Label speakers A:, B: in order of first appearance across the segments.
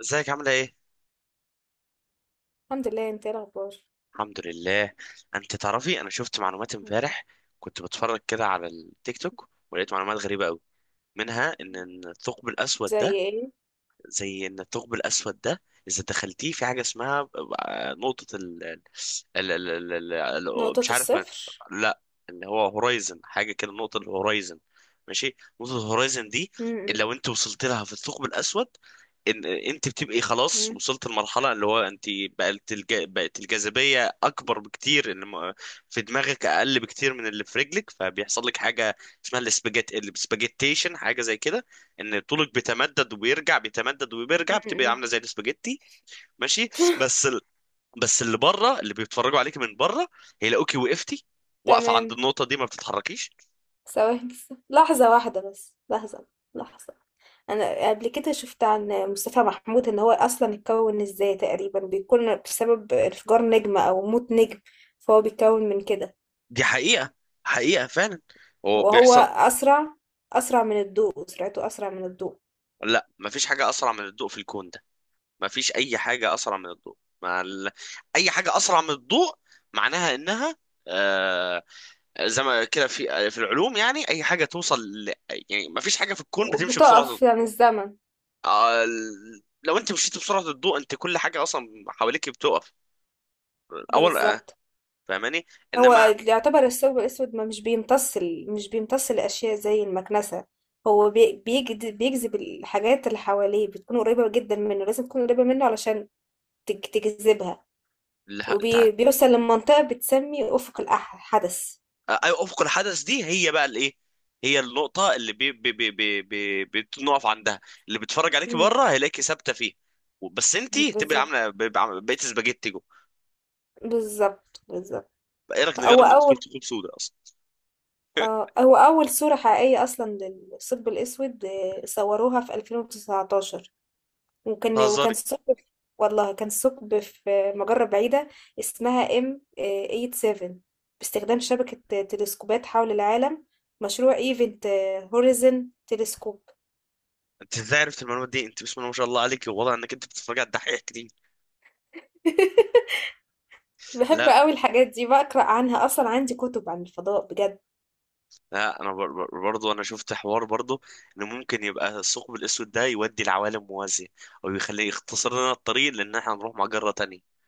A: ازيك عاملة ايه؟
B: الحمد لله. انت ايه الاخبار؟
A: الحمد لله. انت تعرفي، انا شفت معلومات امبارح، كنت بتفرج كده على التيك توك ولقيت معلومات غريبة قوي، منها ان الثقب الاسود
B: زي
A: ده...
B: ايه؟
A: زي ان الثقب الاسود ده اذا دخلتيه في حاجه اسمها نقطه مش
B: نقطة
A: عارف من.
B: الصفر.
A: لا، اللي هو هورايزن، حاجه كده، نقطه الهورايزن. ماشي، نقطه الهورايزن دي
B: م-
A: اللي
B: م-
A: لو انت وصلت لها في الثقب الاسود، ان انت بتبقي خلاص
B: م-
A: وصلت المرحله اللي هو انت بقت الجاذبيه اكبر بكتير، اللي في دماغك اقل بكتير من اللي في رجلك، فبيحصل لك حاجه اسمها السباجيتيشن، حاجه زي كده، ان طولك بيتمدد وبيرجع بيتمدد وبيرجع
B: م-
A: بتبقى
B: م.
A: عامله زي الاسباجيتي. ماشي. بس ال... بس اللي بره اللي بيتفرجوا عليك من بره هيلاقوكي وقفتي، واقفه عند
B: تمام.
A: النقطه دي ما بتتحركيش.
B: ثواني بس. لحظة واحدة بس لحظة. انا قبل كده شفت عن مصطفى محمود ان هو اصلا اتكون ازاي، تقريبا بيكون بسبب انفجار نجمة او موت نجم، فهو بيتكون من كده.
A: دي حقيقه، حقيقه فعلا، هو
B: وهو
A: بيحصل.
B: اسرع من الضوء، سرعته اسرع من الضوء.
A: لا، ما فيش حاجه اسرع من الضوء في الكون ده، ما فيش اي حاجه اسرع من الضوء اي حاجه اسرع من الضوء معناها انها آه... زي ما كده في العلوم، يعني اي حاجه توصل يعني ما فيش حاجه في الكون بتمشي بسرعه.
B: وبتقف يعني الزمن.
A: لو انت مشيت بسرعه الضوء، انت كل حاجه اصلا حواليك بتقف. اول
B: بالظبط.
A: فاهماني.
B: هو
A: انما
B: يعتبر الثوب الأسود ما مش بيمتص ال- مش بيمتص الأشياء زي المكنسة. هو بيجذب الحاجات اللي حواليه، بتكون قريبة جدا منه، لازم تكون قريبة منه علشان تجذبها.
A: لا،
B: وبيوصل لمنطقة بتسمي أفق الحدث.
A: آه، أيوة، افق الحدث دي هي بقى الايه، هي النقطه اللي بي بي بي بي بي بتنقف عندها، اللي بيتفرج عليك
B: مم.
A: بره هيلاقيكي ثابته فيه. بس انت تبقى
B: بالظبط
A: عامله، بقيت سباجيتي جوه.
B: بالظبط بالظبط.
A: ايه رايك
B: هو
A: نجرب ندخل
B: أول
A: ثقوب سوداء اصلا؟
B: هو أول صورة حقيقية أصلا للثقب الأسود، صوروها في 2019. وكان
A: بتهزري؟
B: ثقب، والله كان ثقب في مجرة بعيدة اسمها ام 87، باستخدام شبكة تلسكوبات حول العالم، مشروع ايفنت هوريزن تلسكوب.
A: انت ازاي عرفت المعلومات دي؟ انت بسم الله ما شاء الله عليك، والله انك انت بتتفرج على الدحيح كتير.
B: بحب
A: لا،
B: قوي الحاجات دي، بقرأ عنها أصلا، عندي كتب عن الفضاء بجد.
A: لا انا برضو انا شفت حوار برضو، ان ممكن يبقى الثقب الاسود ده يودي لعوالم موازيه، او يخليه يختصر لنا الطريق لان احنا نروح مجره تانية.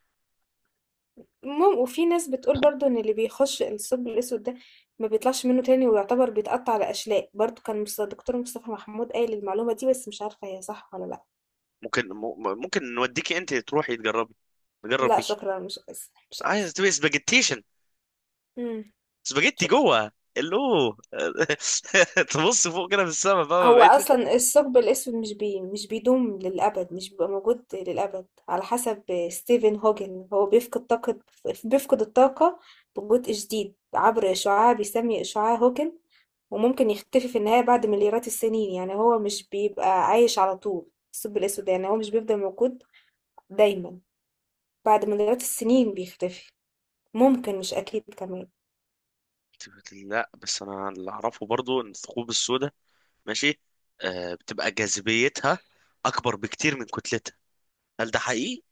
B: المهم، وفي ناس بتقول برضو إن اللي بيخش الثقب الأسود ده ما بيطلعش منه تاني، ويعتبر بيتقطع لأشلاء برضو. كان دكتور مصطفى محمود قايل المعلومة دي بس مش عارفة هي صح ولا لأ.
A: ممكن نوديكي انت تروحي تجربي، نجرب
B: لا
A: بيكي.
B: شكرا، مش عايزة مش عايزة.
A: عايز تبقي سباجيتيشن،
B: امم.
A: سباجيتي
B: شكرا.
A: جوه الو. تبص فوق كده في السما، فاهمه
B: هو
A: بقيت؟
B: اصلا الثقب الاسود مش بيدوم للابد، مش بيبقى موجود للابد، على حسب ستيفن هوكينج. هو بيفقد طاقه، بيفقد الطاقه ببطء شديد عبر اشعاع بيسمي اشعاع هوكينج. وممكن يختفي في النهايه بعد مليارات السنين، يعني هو مش بيبقى عايش على طول. الثقب الاسود يعني هو مش بيفضل موجود دايما. بعد مليارات السنين بيختفي. ممكن، مش اكيد كمان.
A: لا، بس انا اللي اعرفه برضو ان الثقوب السوداء... ماشي، بتبقى جاذبيتها اكبر بكتير من كتلتها، هل ده حقيقي؟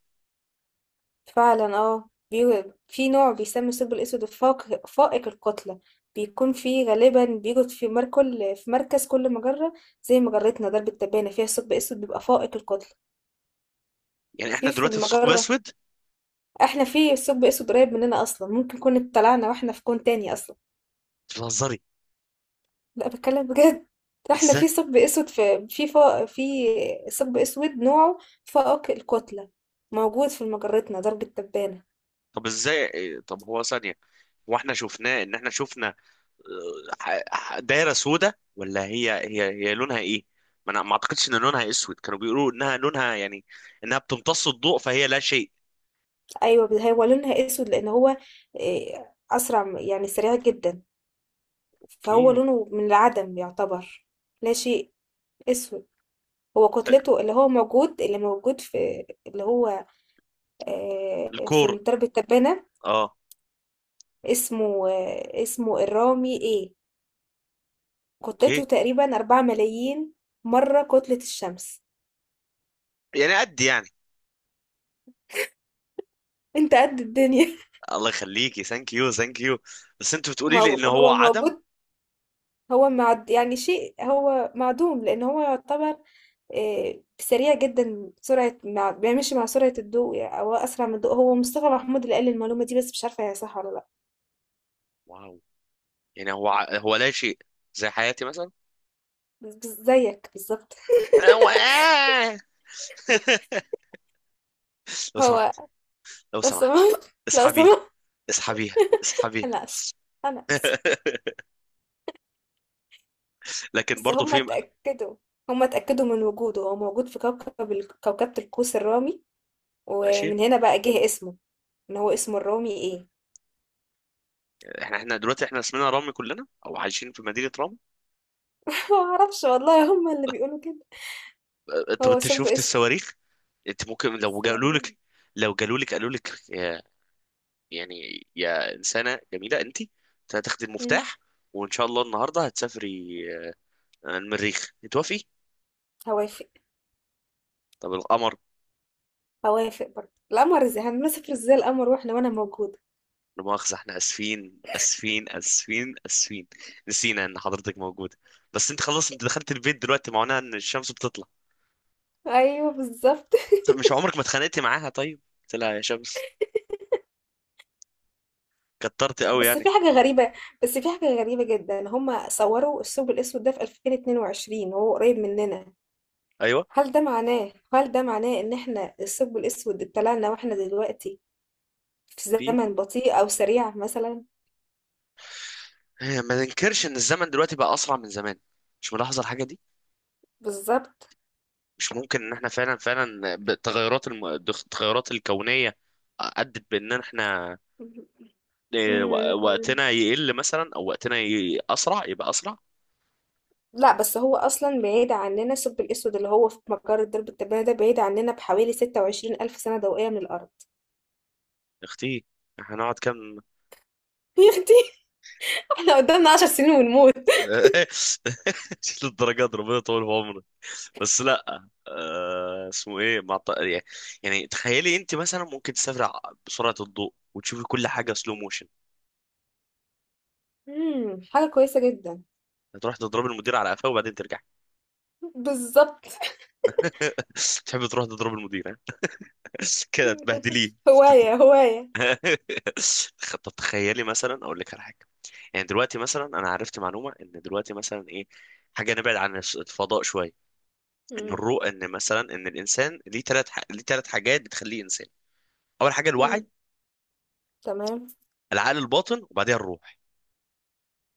B: فعلا، في نوع بيسمى الثقب الأسود فائق الكتلة. بيكون فيه غالبا، بيوجد في مركز كل مجرة. زي مجرتنا درب التبانة فيها ثقب أسود بيبقى فائق الكتلة.
A: يعني احنا
B: في
A: دلوقتي في ثقب
B: المجرة.
A: اسود؟
B: احنا في ثقب أسود قريب مننا أصلا، ممكن كنا اتطلعنا واحنا في كون تاني أصلا.
A: بتهزري؟
B: لا، بتكلم بجد. احنا
A: ازاي؟
B: في ثقب أسود، في ثقب أسود نوعه فائق الكتلة، موجود في مجرتنا درب التبانة.
A: طب ازاي إيه، طب هو ثانية، هو احنا شفناه ان احنا شفنا دايرة سودة، ولا هي هي لونها ايه؟ ما انا ما اعتقدش ان لونها اسود، كانوا بيقولوا انها لونها يعني انها بتمتص الضوء فهي لا شيء.
B: ايوه، بس هو لونها اسود لان هو يعني سريع جدا، فهو
A: اوكي.
B: لونه من العدم يعتبر. لا شيء، اسود. هو
A: ف-
B: كتلته، اللي موجود في اللي هو آه، في
A: الكور.
B: درب التبانة.
A: اه.
B: اسمه الرامي ايه.
A: اوكي.
B: كتلته تقريبا 4 ملايين مرة كتلة الشمس.
A: يعني قد يعني...
B: انت قد الدنيا.
A: الله يخليكي، ثانك يو، ثانك يو. بس انت بتقولي لي ان هو
B: هو
A: عدم.
B: موجود. هو معد يعني شيء، هو معدوم لأن هو يعتبر سريع جدا، سرعة مع بيمشي مع سرعة الضوء يعني أو أسرع من الضوء. هو مصطفى محمود اللي قال المعلومة دي بس مش عارفة هي صح ولا لأ.
A: واو. يعني هو لا شيء، زي حياتي مثلا.
B: بس زيك بالظبط.
A: هو- لو سمحت،
B: هو،
A: لو
B: لا
A: سمحت.
B: سمح، لا
A: اسحبي،
B: سمح.
A: اسحبيها، اسحبيها.
B: أنا آسف، أنا آسف.
A: لكن
B: بس
A: برضه
B: هما
A: في...
B: اتأكدوا هما اتأكدوا من وجوده. هو موجود في كوكبة القوس الرامي،
A: ماشي.
B: ومن هنا بقى جه اسمه. إن هو اسمه الرامي إيه.
A: احنا دلوقتي، احنا اسمنا رامي كلنا، او عايشين في مدينة رامي؟
B: معرفش والله، هما اللي بيقولوا كده.
A: اه، طب
B: هو
A: انت
B: سب
A: شفت
B: اسمه
A: الصواريخ؟ انت ممكن لو قالوا
B: سوري.
A: لك، لو قالوا لك يا، يعني يا انسانة جميلة، انت هتاخدي
B: مم.
A: المفتاح، وان شاء الله النهارده هتسافري. اه، المريخ، توافقي؟
B: هوافق.
A: طب القمر؟
B: هوافق برضه. القمر؟ ازاي هنمسك ازاي القمر واحنا وانا موجودة؟
A: لا مؤاخذة، احنا اسفين اسفين اسفين اسفين، نسينا ان حضرتك موجودة. بس انت خلاص، انت دخلت البيت دلوقتي، معناها ان الشمس بتطلع.
B: ايوه بالظبط.
A: طب مش عمرك ما اتخانقتي معاها؟ طيب قلت لها يا شمس كترت قوي
B: بس في
A: يعني؟
B: حاجة غريبة بس في حاجة غريبة جدا. هما صوروا الثقب الاسود ده في 2022 وهو قريب مننا.
A: ايوه.
B: هل ده معناه ان احنا الثقب الاسود اتطلعنا واحنا دلوقتي في
A: في
B: زمن بطيء او سريع مثلا؟
A: ما ننكرش ان الزمن دلوقتي بقى اسرع من زمان، مش ملاحظه الحاجه دي؟
B: بالظبط.
A: مش ممكن ان احنا فعلا فعلا التغيرات الكونيه ادت بان احنا
B: مم.
A: وقتنا يقل مثلا، او اسرع، يبقى اسرع.
B: لا، بس هو اصلا بعيد عننا، الثقب الاسود اللي هو في مجرة درب التبانة ده بعيد عننا بحوالي 26 الف سنة ضوئية من الارض.
A: يا اختي، احنا هنقعد كام؟
B: يا اختي، احنا قدامنا 10 سنين ونموت.
A: للدرجات دي، ربنا يطول في عمرك. بس لا اسمه ايه يعني، يعني تخيلي انت مثلا ممكن بسرعه الضوء وتشوفي كل حاجه سلو موشن.
B: حاجة كويسة جدا.
A: هتروح تضرب المدير على قفاه وبعدين ترجع.
B: بالظبط.
A: تحب تروح تضرب المدير ها؟ كده تبهدليه. تد-
B: هواية هواية.
A: طب تخيلي مثلا اقول لك على حاجه، يعني دلوقتي مثلا انا عرفت معلومه ان دلوقتي مثلا ايه، حاجه نبعد عن الفضاء شويه، ان
B: مم.
A: الروح، ان مثلا ان الانسان ليه ليه ثلاث حاجات بتخليه انسان. اول حاجه الوعي،
B: مم. تمام.
A: العقل الباطن، وبعدها الروح.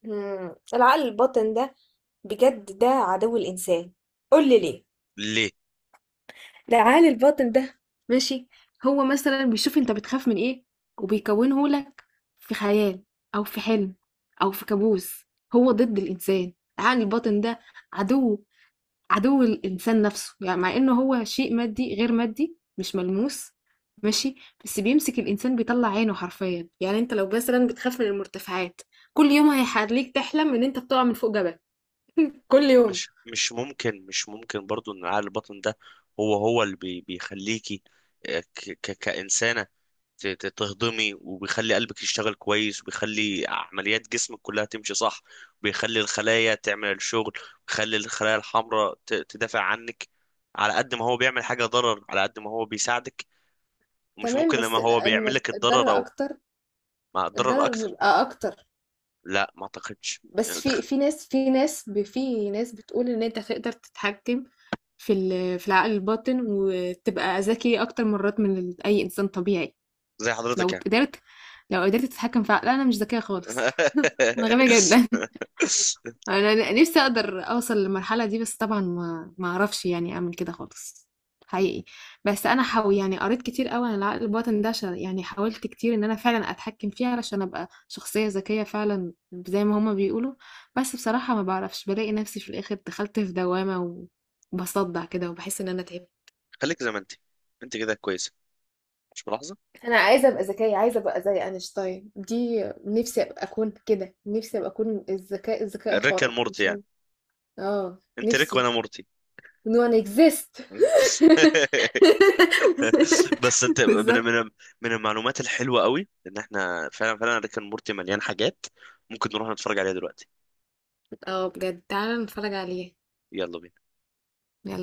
B: مم. العقل الباطن ده، بجد ده عدو الإنسان. قول لي ليه.
A: ليه؟
B: العقل الباطن ده، ماشي، هو مثلا بيشوف انت بتخاف من ايه وبيكونه لك في خيال او في حلم او في كابوس. هو ضد الانسان، العقل الباطن ده، عدو عدو الإنسان نفسه، يعني مع إنه هو شيء مادي غير مادي مش ملموس. ماشي، بس بيمسك الإنسان، بيطلّع عينه حرفيًا. يعني أنت لو مثلًا بتخاف من المرتفعات، كل يوم هيخلّيك تحلم إن أنت بتقع من فوق جبل، كل يوم.
A: مش ممكن برضو ان عقل الباطن ده هو اللي بيخليكي آه، ك ك كإنسانة تهضمي، وبيخلي قلبك يشتغل كويس، وبيخلي عمليات جسمك كلها تمشي صح، وبيخلي الخلايا تعمل الشغل، وبيخلي الخلايا الحمراء تدافع عنك. على قد ما هو بيعمل حاجة ضرر على قد ما هو بيساعدك، ومش
B: تمام،
A: ممكن
B: بس
A: لما
B: ال
A: هو بيعمل
B: الم
A: لك الضرر
B: الضرر
A: او
B: أكتر،
A: مع الضرر
B: الضرر
A: اكتر.
B: بيبقى أكتر.
A: لا ما اعتقدش، يعني
B: بس في في ناس في ناس ب في ناس بتقول إن أنت تقدر تتحكم في العقل الباطن وتبقى ذكي أكتر مرات من أي إنسان طبيعي.
A: زي
B: لو
A: حضرتك يعني.
B: قدرت، لو قدرت تتحكم في لا انا مش ذكية خالص. انا غبية جدا. انا نفسي اقدر اوصل للمرحلة دي بس طبعا ما اعرفش يعني اعمل كده خالص، حقيقي. بس انا حاول يعني، قريت كتير قوي عن العقل الباطن ده، عشان يعني حاولت كتير ان انا فعلا اتحكم فيه علشان ابقى شخصية ذكية فعلا زي ما هما بيقولوا. بس بصراحة ما بعرفش، بلاقي نفسي في الاخر دخلت في دوامة وبصدع كده وبحس ان انا تعبت.
A: خليك زي ما انت، انت كده كويسه، مش ملاحظه؟
B: انا عايزه ابقى ذكيه، عايزه ابقى زي اينشتاين، دي نفسي ابقى اكون كده، نفسي ابقى اكون الذكاء
A: ريك اند
B: الخارق،
A: مورتي
B: مش
A: يعني،
B: عايزه. اه
A: انت ريك
B: نفسي.
A: وانا مورتي.
B: نو ان اكزيست.
A: بس انت
B: بالظبط.
A: من المعلومات الحلوه قوي، ان احنا فعلا فعلا ريك اند مورتي، مليان حاجات ممكن نروح نتفرج عليها دلوقتي.
B: اه بجد، تعالى نتفرج عليه.
A: يلا بينا.